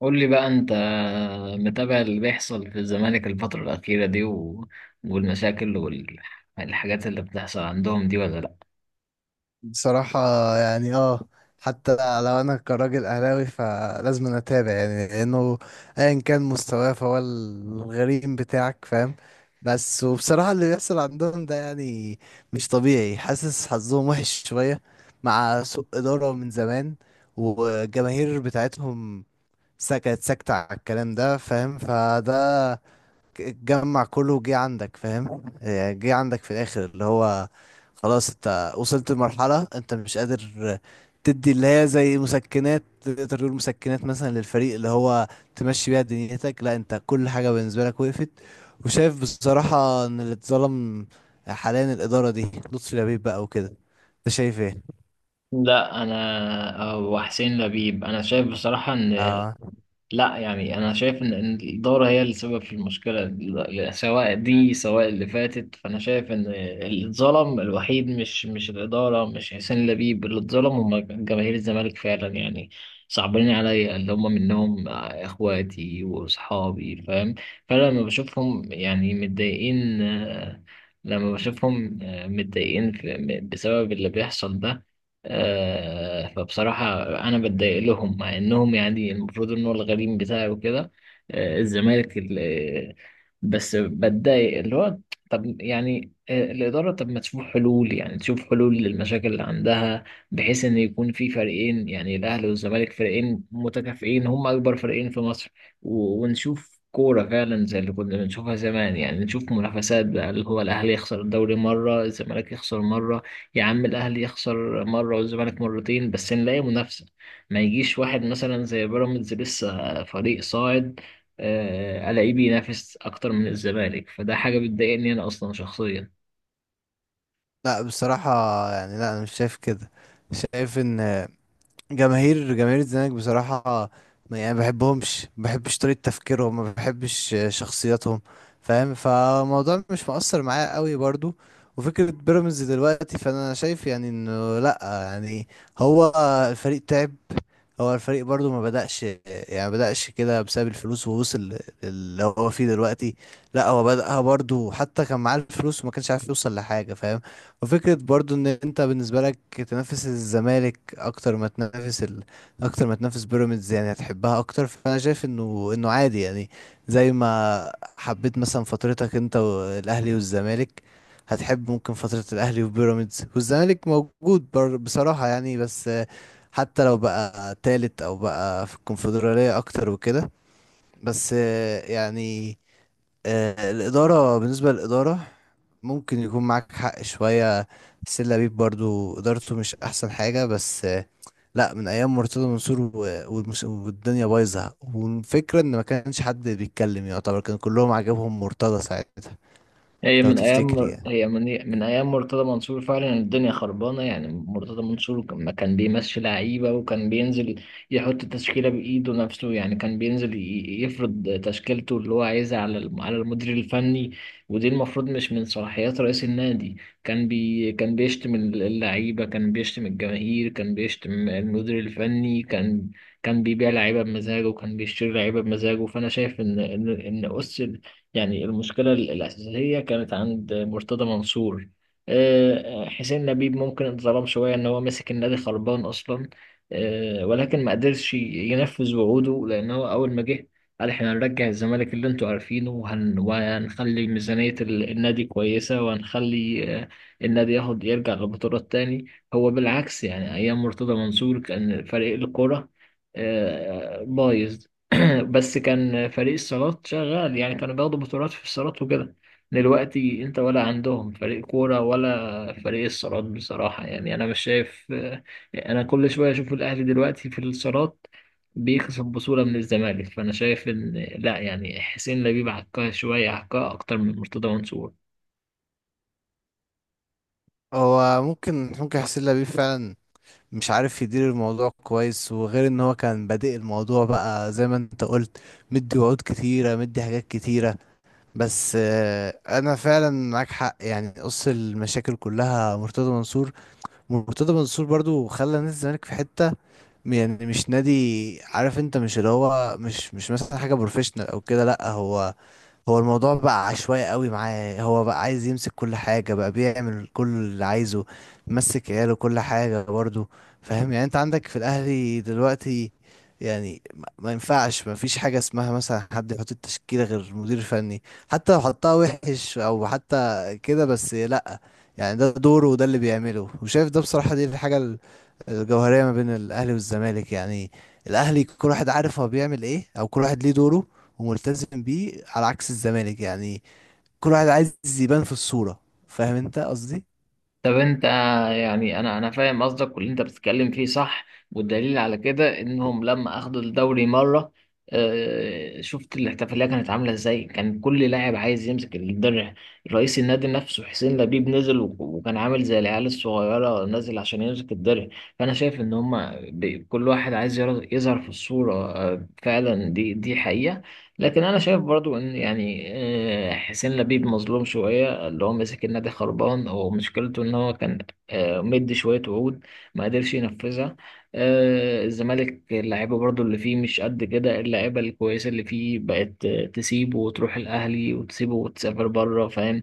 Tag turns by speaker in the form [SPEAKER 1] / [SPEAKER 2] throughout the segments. [SPEAKER 1] قول لي بقى، انت متابع اللي بيحصل في الزمالك الفترة الأخيرة دي والمشاكل والحاجات اللي بتحصل عندهم دي ولا لأ؟
[SPEAKER 2] بصراحة، يعني اه حتى لو انا كراجل اهلاوي فلازم أنا اتابع، يعني لانه ايا كان مستواه فهو الغريم بتاعك، فاهم؟ بس وبصراحة اللي بيحصل عندهم ده يعني مش طبيعي. حاسس حظهم وحش شوية مع سوء إدارة من زمان، والجماهير بتاعتهم كانت ساكتة على الكلام ده، فاهم؟ فده جمع كله وجه عندك، فاهم؟ يعني جه عندك في الاخر اللي هو خلاص انت وصلت لمرحلة انت مش قادر تدي اللي هي زي مسكنات، تقدر تقول مسكنات مثلا للفريق، اللي هو تمشي بيها دنيتك. لا، انت كل حاجة بالنسبة لك وقفت. وشايف بصراحة ان اللي اتظلم حاليا الإدارة دي، لطفي لبيب بقى وكده. انت شايف ايه؟
[SPEAKER 1] لا، انا او حسين لبيب، انا شايف بصراحة ان
[SPEAKER 2] اه،
[SPEAKER 1] لا، انا شايف إن الدوره هي السبب في المشكله سواء دي سواء اللي فاتت، فانا شايف ان اللي اتظلم الوحيد مش الاداره، مش حسين لبيب، اللي اتظلم هم جماهير الزمالك فعلا، يعني صعبانين عليا اللي هم منهم اخواتي واصحابي، فاهم؟ فانا لما بشوفهم يعني متضايقين، لما بشوفهم متضايقين بسبب اللي بيحصل ده، فبصراحة أنا بتضايق لهم مع إنهم يعني المفروض إن هو الغريم بتاعي وكده. الزمالك بس بتضايق اللي هو طب يعني، الإدارة طب ما تشوف حلول، يعني تشوف حلول للمشاكل اللي عندها، بحيث إن يكون في فريقين يعني الأهلي والزمالك، فريقين متكافئين، هم أكبر فريقين في مصر ونشوف كورة فعلا زي اللي كنا بنشوفها زمان، يعني نشوف منافسات بقى، اللي هو الأهلي يخسر الدوري مرة الزمالك يخسر مرة، يا عم الاهلي يخسر مره والزمالك مرتين، بس نلاقي منافسه. ما يجيش واحد مثلا زي بيراميدز لسه فريق صاعد، الاقيه بينافس اكتر من الزمالك، فده حاجه بتضايقني انا اصلا شخصيا.
[SPEAKER 2] لا بصراحة، يعني لا انا مش شايف كده. شايف ان جماهير الزمالك بصراحة يعني ما بحبهمش، ما بحبش طريقة تفكيرهم، ما بحبش شخصياتهم، فاهم؟ فالموضوع مش مؤثر معايا قوي برضو. وفكرة بيراميدز دلوقتي، فأنا شايف يعني إنه لأ، يعني هو الفريق تعب. هو الفريق برضو ما بدأش، يعني ما بدأش كده بسبب الفلوس ووصل اللي هو فيه دلوقتي. لأ، هو بدأها برضو، حتى كان معاه الفلوس وما كانش عارف يوصل لحاجة، فاهم؟ وفكرة برضو ان انت بالنسبة لك تنافس الزمالك اكتر ما تنافس ال... اكتر ما تنافس بيراميدز، يعني هتحبها اكتر. فانا شايف انه عادي يعني. زي ما حبيت مثلا فترتك انت والاهلي والزمالك، هتحب ممكن فترة الاهلي وبيراميدز والزمالك موجود بر... بصراحة يعني، بس حتى لو بقى تالت او بقى في الكونفدرالية اكتر وكده. بس الإدارة، بالنسبة للإدارة ممكن يكون معاك حق شوية. سيلا بيب برضو إدارته مش أحسن حاجة، بس لا، من أيام مرتضى منصور والدنيا بايظة، والفكرة إن ما كانش حد بيتكلم، يعتبر كان كلهم عاجبهم مرتضى ساعتها.
[SPEAKER 1] هي
[SPEAKER 2] لو
[SPEAKER 1] من
[SPEAKER 2] تفتكري
[SPEAKER 1] ايام
[SPEAKER 2] يعني.
[SPEAKER 1] هي من من ايام مرتضى منصور فعلا الدنيا خربانه، يعني مرتضى منصور لما كان بيمشي لعيبه وكان بينزل يحط تشكيله بايده نفسه، يعني كان بينزل يفرض تشكيلته اللي هو عايزها على على المدير الفني، ودي المفروض مش من صلاحيات رئيس النادي. كان بيشتم اللعيبه، كان بيشتم الجماهير، كان بيشتم المدير الفني، كان كان بيبيع لعيبه بمزاجه وكان بيشتري لعيبه بمزاجه. فانا شايف ان يعني المشكلة الأساسية كانت عند مرتضى منصور. حسين لبيب ممكن اتظلم شوية إن هو مسك النادي خربان أصلا، ولكن ما قدرش ينفذ وعوده لأن هو أول ما جه قال إحنا هنرجع الزمالك اللي أنتوا عارفينه، وهنخلي ميزانية النادي كويسة، وهنخلي النادي ياخد يرجع لبطولات تاني. هو بالعكس، يعني أيام مرتضى منصور كان فريق الكرة بايظ، بس كان فريق الصالات شغال، يعني كانوا بياخدوا بطولات في الصالات وكده. دلوقتي انت ولا عندهم فريق كورة ولا فريق الصالات، بصراحة يعني انا مش شايف. انا كل شوية اشوف الاهلي دلوقتي في الصالات بيكسب بطولة من الزمالك، فانا شايف ان لا، يعني حسين لبيب عكها شوية، عكها اكتر من مرتضى منصور.
[SPEAKER 2] هو ممكن سيلا بيب فعلا مش عارف يدير الموضوع كويس، وغير إن هو كان بادئ الموضوع بقى زي ما أنت قلت، مدي وعود كتيرة، مدي حاجات كتيرة. بس انا فعلا معاك حق، يعني قص المشاكل كلها مرتضى منصور. مرتضى منصور برضو خلى نادي الزمالك في حتة يعني مش نادي. عارف انت، مش اللي هو مش مثلا حاجة بروفيشنال او كده. لا، هو هو الموضوع بقى عشوائي قوي معاه. هو بقى عايز يمسك كل حاجة، بقى بيعمل كل اللي عايزه، مسك عياله كل حاجة برضه. فاهم يعني؟ انت عندك في الاهلي دلوقتي، يعني ما ينفعش، ما فيش حاجة اسمها مثلا حد يحط التشكيلة غير مدير فني، حتى لو حطها وحش او حتى كده. بس لا، يعني ده دوره وده اللي بيعمله. وشايف ده بصراحة، دي الحاجة الجوهرية ما بين الاهلي والزمالك يعني. الاهلي كل واحد عارف هو بيعمل ايه، او كل واحد ليه دوره وملتزم بيه، على عكس الزمالك يعني، كل واحد عايز يبان في الصورة. فاهم انت قصدي؟
[SPEAKER 1] طب انت يعني، انا فاهم قصدك واللي انت بتتكلم فيه صح، والدليل على كده انهم لما اخدوا الدوري مره، شفت الاحتفاليه كانت عامله ازاي، كان كل لاعب عايز يمسك الدرع، رئيس النادي نفسه حسين لبيب نزل وكان عامل زي العيال الصغيره نازل عشان يمسك الدرع. فانا شايف ان هم كل واحد عايز يظهر في الصوره، فعلا دي حقيقه. لكن انا شايف برضو ان يعني، حسين لبيب مظلوم شويه، اللي هو مسك النادي خربان، ومشكلته ان هو كان مدي شويه وعود ما قدرش ينفذها. الزمالك اللعيبه برضو اللي فيه مش قد كده، اللعيبه الكويسه اللي فيه بقت تسيبه وتروح الاهلي، وتسيبه وتسافر بره، فاهم؟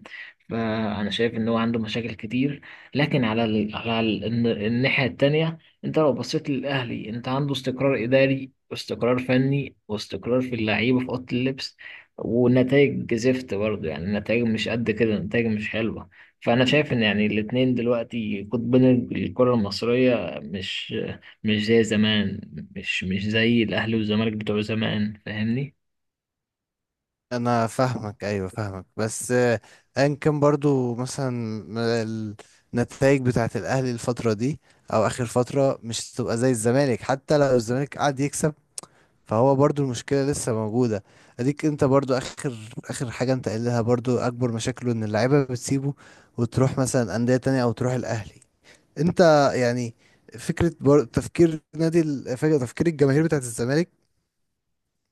[SPEAKER 1] فانا شايف ان هو عنده مشاكل كتير، لكن على الناحيه التانيه، انت لو بصيت للاهلي انت عنده استقرار اداري واستقرار فني واستقرار في اللعيبة في أوضة اللبس، ونتائج زفت برضه، يعني النتائج مش قد كده، النتائج مش حلوة. فأنا شايف إن يعني الاتنين دلوقتي قطبين، الكرة المصرية مش زي زمان، مش زي الأهلي والزمالك بتوع زمان، فاهمني؟
[SPEAKER 2] انا فاهمك، ايوه فاهمك، بس ايا كان برضو مثلا النتائج بتاعت الاهلي الفترة دي او اخر فترة مش هتبقى زي الزمالك، حتى لو الزمالك قعد يكسب. فهو برضو المشكلة لسه موجودة. اديك انت برضو اخر حاجة انت قايلها، برضو اكبر مشاكله ان اللعيبة بتسيبه وتروح مثلا اندية تانية او تروح الاهلي. انت يعني فكره بر... تفكير نادي فكرة تفكير الجماهير بتاعت الزمالك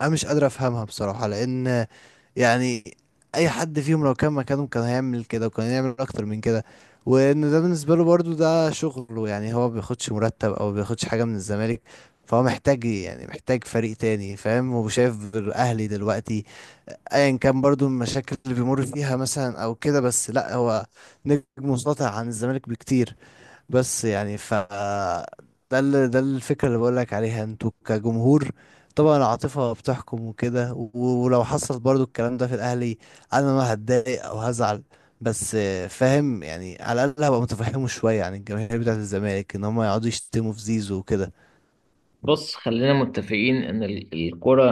[SPEAKER 2] انا مش قادر افهمها بصراحه، لان يعني اي حد فيهم لو كان مكانهم كان هيعمل كده، وكان هيعمل اكتر من كده. وان ده بالنسبه له برضو ده شغله، يعني هو ما بياخدش مرتب او ما بياخدش حاجه من الزمالك. فهو محتاج إيه؟ يعني محتاج فريق تاني. فاهم؟ هو شايف الاهلي دلوقتي ايا كان برضو المشاكل اللي بيمر فيها مثلا او كده، بس لا، هو نجم مسيطر عن الزمالك بكتير. بس يعني ف ده ال... ده الفكرة اللي بقولك عليها. انتوا كجمهور طبعا العاطفة بتحكم وكده. ولو حصل برضو الكلام ده في الأهلي، أنا ما هتضايق أو هزعل. بس فاهم يعني على الأقل هبقى متفهمه شوية عن الجماهير بتاعة الزمالك، إن هم يقعدوا يشتموا في زيزو وكده.
[SPEAKER 1] بص، خلينا متفقين ان الكرة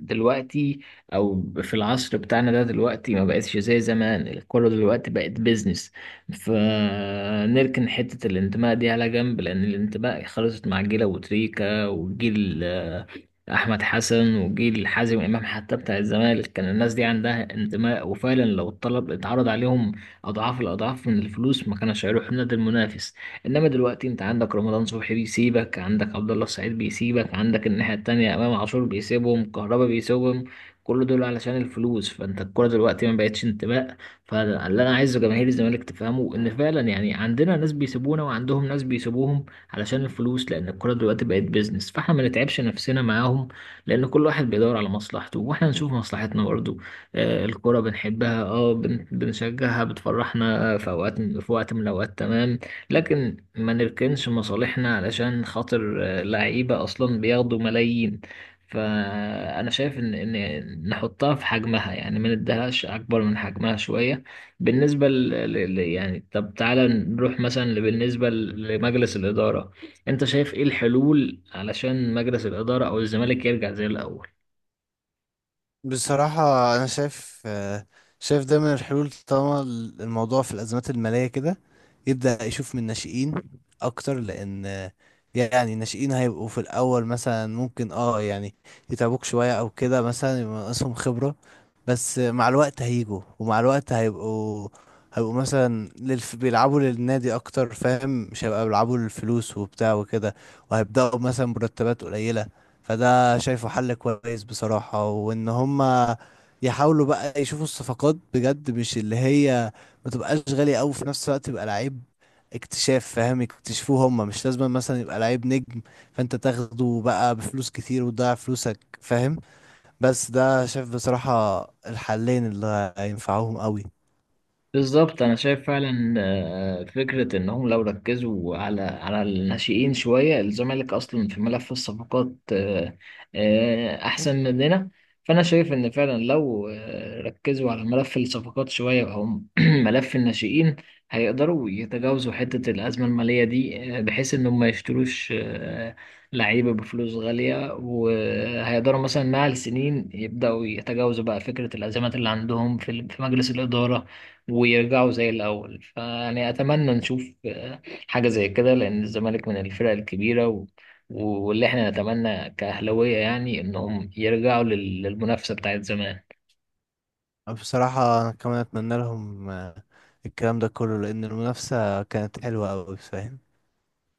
[SPEAKER 1] دلوقتي او في العصر بتاعنا ده دلوقتي ما بقتش زي زمان، الكرة دلوقتي بقت بيزنس، فنركن حتة الانتماء دي على جنب، لان الانتماء خلصت مع جيل ابو تريكة وجيل احمد حسن وجيل حازم امام. حتى بتاع الزمالك كان الناس دي عندها انتماء، وفعلا لو الطلب اتعرض عليهم اضعاف الاضعاف من الفلوس ما كانش هيروحوا النادي المنافس. انما دلوقتي انت عندك رمضان صبحي بيسيبك، عندك عبد الله السعيد بيسيبك، عندك الناحية التانية امام عاشور بيسيبهم، كهربا بيسيبهم، كل دول علشان الفلوس. فانت الكوره دلوقتي ما بقتش انتماء، فاللي انا عايزه جماهير الزمالك تفهمه ان فعلا يعني عندنا ناس بيسيبونا وعندهم ناس بيسيبوهم علشان الفلوس، لان الكوره دلوقتي بقت بيزنس، فاحنا ما نتعبش نفسنا معاهم، لان كل واحد بيدور على مصلحته واحنا نشوف مصلحتنا برضه. آه الكوره بنحبها، اه بنشجعها بتفرحنا، في اوقات في وقت من الاوقات، تمام، لكن ما نركنش مصالحنا علشان خاطر لعيبة أصلا بياخدوا ملايين. فأنا شايف إن نحطها في حجمها، يعني ما نديهاش أكبر من حجمها شوية. بالنسبة يعني طب تعالى نروح مثلا بالنسبة لمجلس الإدارة، أنت شايف إيه الحلول علشان مجلس الإدارة أو الزمالك يرجع زي الأول؟
[SPEAKER 2] بصراحة أنا شايف شايف ده من الحلول. طالما الموضوع في الأزمات المالية كده، يبدأ يشوف من الناشئين أكتر. لأن يعني الناشئين هيبقوا في الأول مثلا، ممكن يعني يتعبوك شوية أو كده، مثلا يبقى ناقصهم خبرة، بس مع الوقت هيجوا، ومع الوقت هيبقوا مثلا للف... بيلعبوا للنادي أكتر، فاهم؟ مش هيبقى بيلعبوا للفلوس وبتاع وكده. وهيبدأوا مثلا مرتبات قليلة. فده شايفه حل كويس بصراحة. وان هما يحاولوا بقى يشوفوا الصفقات بجد، مش اللي هي ما تبقاش غالية قوي. في نفس الوقت يبقى لعيب اكتشاف، فاهم؟ يكتشفوه هما. مش لازم مثلا يبقى لعيب نجم فانت تاخده بقى بفلوس كتير وتضيع فلوسك، فاهم؟ بس ده شايف بصراحة الحلين اللي هينفعوهم قوي.
[SPEAKER 1] بالظبط، انا شايف فعلا فكره انهم لو ركزوا على على الناشئين شويه، الزمالك اصلا في ملف الصفقات احسن مننا، فانا شايف ان فعلا لو ركزوا على ملف الصفقات شويه او ملف الناشئين، هيقدروا يتجاوزوا حته الازمه الماليه دي، بحيث انهم ما يشتروش لعيبه بفلوس غاليه، وهيقدروا مثلا مع السنين يبداوا يتجاوزوا بقى فكره الازمات اللي عندهم في في مجلس الاداره ويرجعوا زي الأول. فيعني أتمنى نشوف حاجة زي كده، لأن الزمالك من الفرق الكبيرة واللي احنا نتمنى كأهلاوية يعني إنهم يرجعوا للمنافسة بتاعت زمان.
[SPEAKER 2] بصراحة انا كمان اتمنى لهم الكلام ده كله، لان المنافسة كانت حلوة قوي، فاهم؟